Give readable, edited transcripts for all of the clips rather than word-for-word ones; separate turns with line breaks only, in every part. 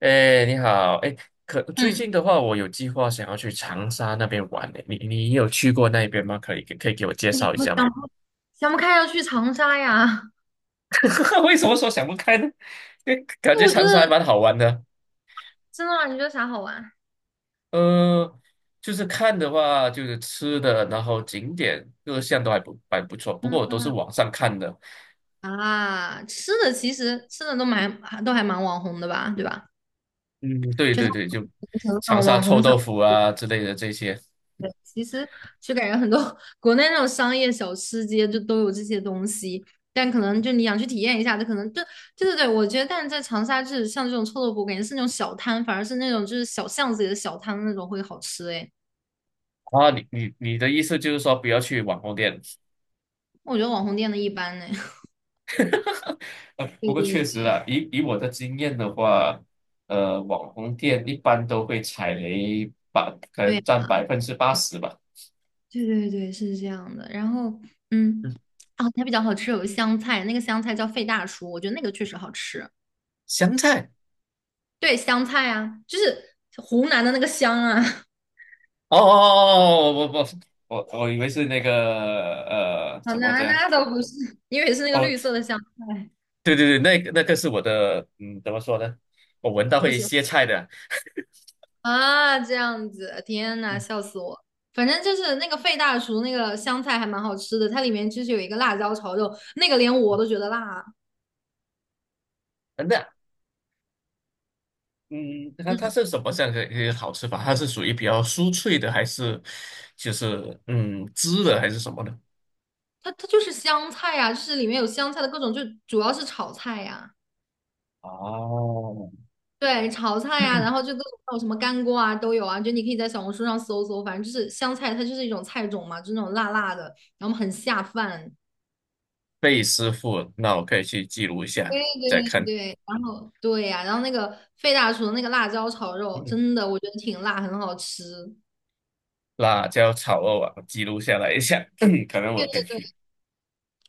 哎，你好。哎，可最
嗯，
近的话，我有计划想要去长沙那边玩呢。你有去过那边吗？可以给我介
你怎
绍一
么
下吗？
想不开要去长沙呀？
为什么说想不开呢？因为 感
因为
觉
我觉
长沙还
得
蛮好玩的。
真的吗？你觉得啥好玩？
呃，就是看的话，就是吃的，然后景点各项都还不错。不过我都是
嗯
网上看的。
啊，吃的其实吃的都蛮还蛮网红的吧，对吧？
嗯，对
就它
对对，就
那
长
种
沙
网
臭
红小
豆
吃，
腐啊之类的这些。
其实就感觉很多 国内那种商业小吃街就都有这些东西，但可能就你想去体验一下，就可能就对对对，我觉得但是在长沙就是像这种臭豆腐，感觉是那种小摊，反而是那种就是小巷子里的小摊那种会好吃诶，
啊，你的意思就是说不要去网红店？
我觉得网红店的一般呢。
不
对
过确实
对
啦，以我的经验的话，网红店一般都会踩雷，可
对
能占
呀
80%吧。
对对对，是这样的。然后，嗯，
嗯，
啊，它比较好吃，有个香菜，那个香菜叫费大叔，我觉得那个确实好吃。
香菜。
对，香菜啊，就是湖南的那个香啊，
哦哦哦，我以为是那个
啊，
怎么
那
讲？
那倒不是，因为是那个
哦，
绿色的香菜，
对对对，那个是我的。嗯，怎么说呢？我闻到
不
会
行
歇菜的。
啊，这样子，天呐，
嗯。
笑死我。反正就是那个费大叔那个香菜还蛮好吃的，它里面就是有一个辣椒炒肉，那个连我都觉得辣。
那嗯，它
嗯，
是什么样的一个好吃法？它是属于比较酥脆的，还是就是汁的，还是什么的？
它就是香菜呀、啊就是里面有香菜的各种，就主要是炒菜呀、
哦，
对，炒菜呀、然 后就各种还有什么干锅啊都有啊，就你可以在小红书上搜搜，反正就是香菜，它就是一种菜种嘛，就是那种辣辣的，然后很下饭。
贝师傅，那我可以去记录一下，
对
再
对
看。
对，然后对呀、然后那个费大厨的那个辣椒炒肉，
嗯
真的我觉得挺辣，很好吃。
辣椒炒肉啊，记录下来一下，可能我
对
可以
对对，
去。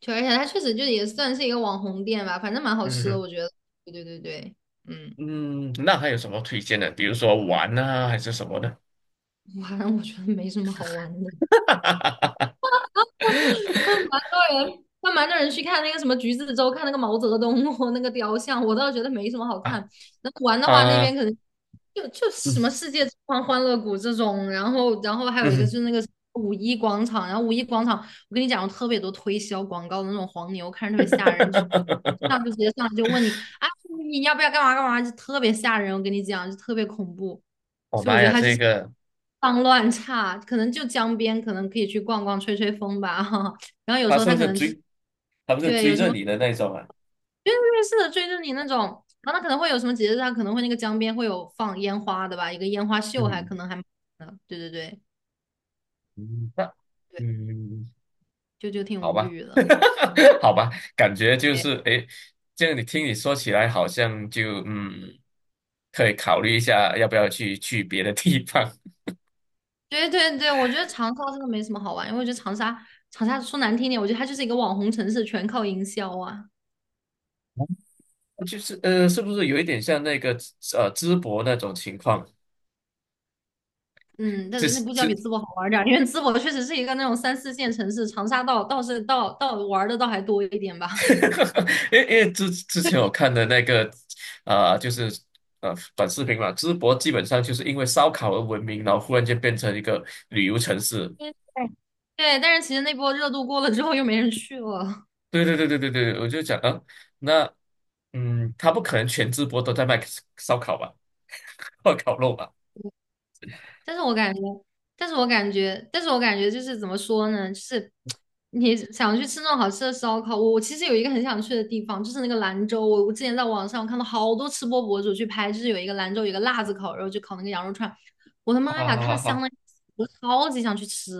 而且它确实就也算是一个网红店吧，反正蛮好
嗯
吃的，
哼。
我觉得。对对对对，嗯，
嗯，那还有什么推荐的？比如说玩啊，还是什么的？
反正我觉得没什么好玩的。那蛮多人，那蛮多人去看那个什么橘子洲，看那个毛泽东哦 那个雕像，我倒觉得没什么好
啊
看。那玩的话，那边
啊，
可能就
嗯
什么世界之窗、欢乐谷这种，然后还有一个就
嗯。
是那个五一广场，然后五一广场，我跟你讲，有特别多推销广告的那种黄牛，看着特别吓人，就上就直 接上来就问你啊，你要不要干嘛干嘛，就特别吓人，我跟你讲，就特别恐怖。
我
所以我
妈
觉得
呀，
他就
这
是
个
脏乱差，可能就江边，可能可以去逛逛、吹吹风吧。然后有
他
时候
是
他
不
可
是
能就是
追？他不是
对有
追
什
着
么，
你的那种啊？
因为瑞是的追着你那种，然后他可能会有什么节日，他可能会那个江边会有放烟花的吧，一个烟花秀还
嗯。
可能还蛮的对对对
嗯。
对，
嗯。
就挺
好
无
吧。
语的。
好吧，感觉就是诶，这样你听你说起来，好像就可以考虑一下要不要去别的地方。
对对对对，我觉得长沙真的没什么好玩，因为我觉得长沙说难听点，我觉得它就是一个网红城市，全靠营销啊。
就是是不是有一点像那个淄博那种情况？
嗯，但
这
是那估计要
这，
比淄博好玩儿点儿，因为淄博确实是一个那种三四线城市，长沙倒是倒玩儿的倒还多一点吧。
因为之前我看的那个就是短视频嘛，淄博基本上就是因为烧烤而闻名，然后忽然间变成一个旅游城市。
对，但是其实那波热度过了之后，又没人去了。
对对对对对对，我就讲。嗯。那他不可能全直播都在卖烧烤吧，或烤肉吧？
但是我感觉，但是我感觉就是怎么说呢？就是你想去吃那种好吃的烧烤，我其实有一个很想去的地方，就是那个兰州。我之前在网上看到好多吃播博主去拍，就是有一个兰州有一个辣子烤肉，就烤那个羊肉串，我的 妈
哈
呀，
哈
看的
哈
香
哈！
的，我超级想去吃。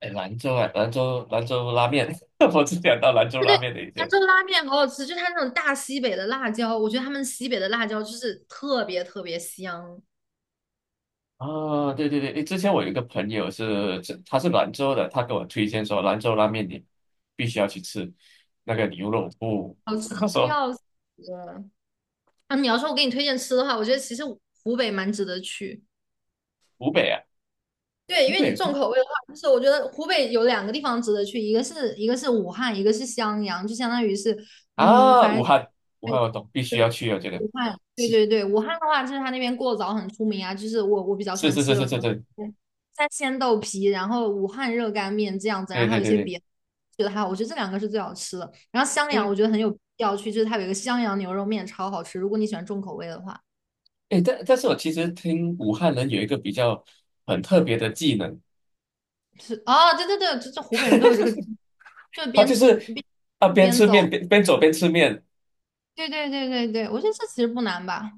哎，兰州啊，兰州拉面，我只想到兰州
对
拉
对，
面的一
兰
些。
州拉面好好吃，就它那种大西北的辣椒，我觉得他们西北的辣椒就是特别特别香，
啊，对对对，诶之前我有一个朋友是，他是兰州的，他给我推荐说兰州拉面你必须要去吃那个牛肉不，
好 吃
他
的
说
要死。啊，你要说我给你推荐吃的话，我觉得其实湖北蛮值得去。
湖北啊，
对，因
湖
为你
北不
重口味的话，就是我觉得湖北有两个地方值得去，一个是武汉，一个是襄阳，就相当于是，嗯，
啊，
反
武
正
汉。武汉我懂，必须
对
要
对，
去，我觉得
武汉，对
是。
对对，武汉的话，就是它那边过早很出名啊，就是我比 较喜
是
欢
是是
吃有
是
什
是
么
是，
嗯三鲜豆皮，然后武汉热干面这样子，然
对
后还
对
有一
对
些
对。
别的，觉得还好，我觉得这两个是最好吃的。然后襄阳我觉得很有必要去，就是它有一个襄阳牛肉面超好吃，如果你喜欢重口味的话。
诶，但是我其实听武汉人有一个比较很特别的技能，
是哦，对对对，这湖北人都有这个，就
他
边
就
吃
是
边
边
边，
吃面边走边吃面。
对对对对对，我觉得这其实不难吧？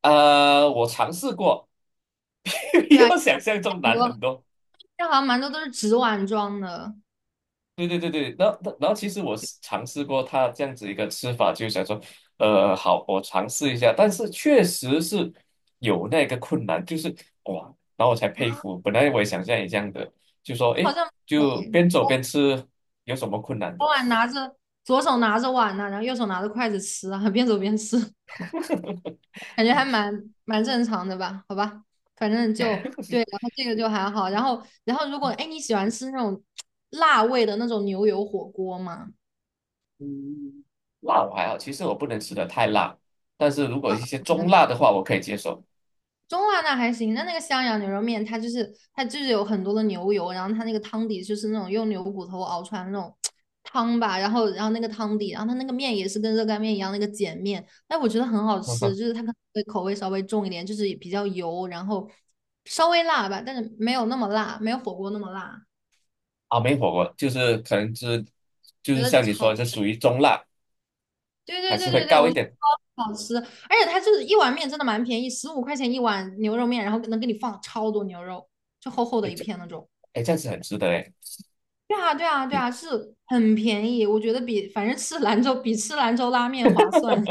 啊，我尝试过。
对
比
啊，
我想象中
很
难
多，
很多。
但好像蛮多都是纸碗装的，
对对对对，然后其实我是尝试过他这样子一个吃法，就想说，好，我尝试一下，但是确实是有那个困难，就是哇，然后我才佩服。本来我也想像你这样的，就说
好
诶，
像
就边
对，
走边吃有什么困难
左
的？
碗拿着，左手拿着碗呢，然后右手拿着筷子吃啊，边走边吃，感觉还蛮正常的吧？好吧，反正就对，然后这个就还好，然后如果哎你喜欢吃那种辣味的那种牛油火锅吗？
嗯，辣我还好，其实我不能吃的太辣，但是如果一些中辣的话，我可以接受。
中辣那还行，那那个襄阳牛肉面，它就是有很多的牛油，然后它那个汤底就是那种用牛骨头熬出来的那种 汤吧，然后那个汤底，然后它那个面也是跟热干面一样那个碱面，但我觉得很好吃，就 是它可能会口味稍微重一点，就是比较油，然后稍微辣吧，但是没有那么辣，没有火锅那么辣，
啊，美火锅就是可能是就
觉
是
得
像你说的，
超，
这属于中辣，
对
还
对
是
对
会
对对，
高
我
一
觉得
点。
超好吃，而且它就是一碗面真的蛮便宜，15块钱一碗牛肉面，然后能给你放超多牛肉，就厚厚的
哎，
一片那种。
哎这样子很值得哎，
对啊，对啊，对啊，是很便宜，我觉得比反正吃兰州比吃兰州拉面划算。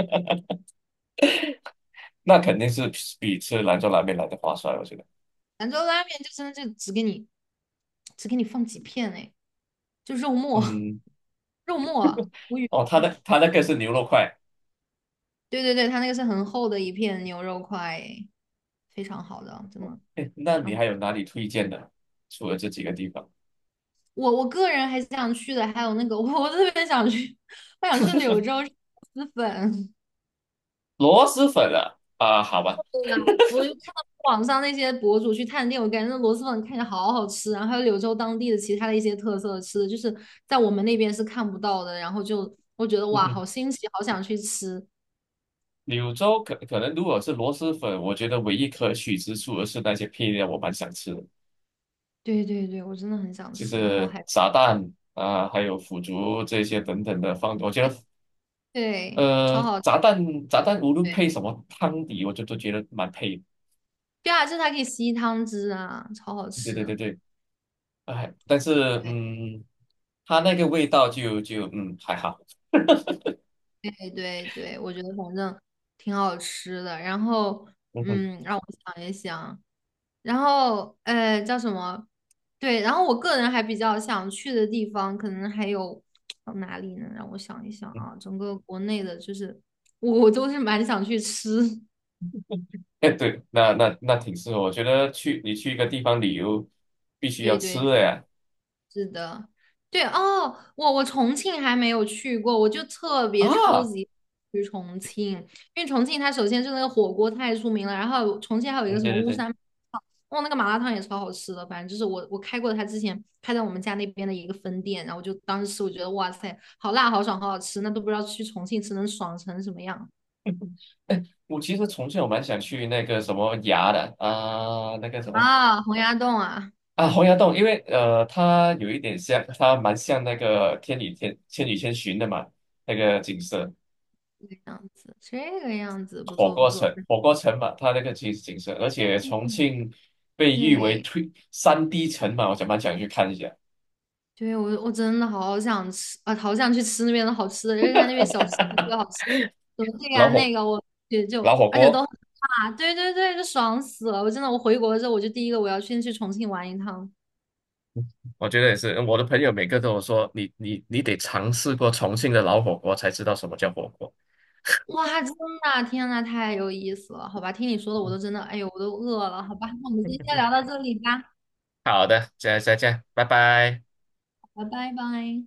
那肯定是比吃兰州拉面来的划算，我觉得。
兰州拉面就真的就只给你只给你放几片哎，就肉末
嗯。
肉末，无语
哦，
了
他那个是牛肉块。
对对对，它那个是很厚的一片牛肉块诶，非常好的，真的
哎，那
非
你
常。
还有哪里推荐的？除了这几个地方，
我个人还是想去的，还有那个我特别想去，我想去 柳州吃螺蛳粉。
螺蛳粉啊。啊，好吧。
对呀，我就看到网上那些博主去探店，我感觉那螺蛳粉看着好好吃，然后还有柳州当地的其他的一些特色吃的，就是在我们那边是看不到的，然后就我觉得哇，好 新奇，好想去吃。
柳州可能如果是螺蛳粉，我觉得唯一可取之处而是那些配料，我蛮想吃的，
对对对，我真的很想
就
吃，然后
是
还
炸蛋啊，还有腐竹这些等等的放。我觉得
对，超好，
炸蛋无论
对
配什么汤底，我就都觉得蛮配的。
对啊，就是它可以吸汤汁啊，超好
对
吃。
对对对，哎，但是
对
它那个味道就还好。
对对对，我觉得反正挺好吃的。然后
嗯哼。
嗯，让我想一想。然后呃叫什么？对，然后我个人还比较想去的地方，可能还有呃哪里呢？让我想一想
嗯。
啊，整个国内的，就是我都是蛮想去吃，
哎 对，那挺适合。我觉得你去一个地方旅游，必 须要
对
吃
对，
的呀。
是的，对哦，我重庆还没有去过，我就特别超
啊，
级去重庆，因为重庆它首先是那个火锅太出名了，然后重庆还有一个
嗯，
什
对
么
对
巫
对。
山麻辣烫，哦，那个麻辣烫也超好吃的，反正就是我开过他之前开在我们家那边的一个分店，然后我就当时吃，我觉得哇塞，好辣好爽好好吃，那都不知道去重庆吃能爽成什么样
哎，我其实重庆我蛮想去那个什么崖的那个什么
啊！洪崖洞啊，
洪崖洞，因为它有一点像，它蛮像那个《天女天千与千寻》的嘛，那个景色。
这个样子，这个样子不
火
错不
锅
错，
城火锅城嘛，它那个其实景色，而且重庆被誉为
对。
3D 城嘛，蛮想去看一下。
对，我我真的好想吃啊，好想去吃那边的好吃的，就是在那边小吃特别好 吃，什么这个
老
呀
火
那个，我也就
老火
而且都
锅，
啊，对对对，就爽死了！我真的，我回国之后，我就第一个我要先去重庆玩一趟。
我觉得也是。我的朋友每个都有说，你得尝试过重庆的老火锅，才知道什么叫火锅。
哇，真的，天呐，太有意思了！好吧，听你说的我都真 的，哎呦，我都饿了。好吧，那我们今天先聊到这里吧，
好的，再见，拜拜。
好吧，拜拜。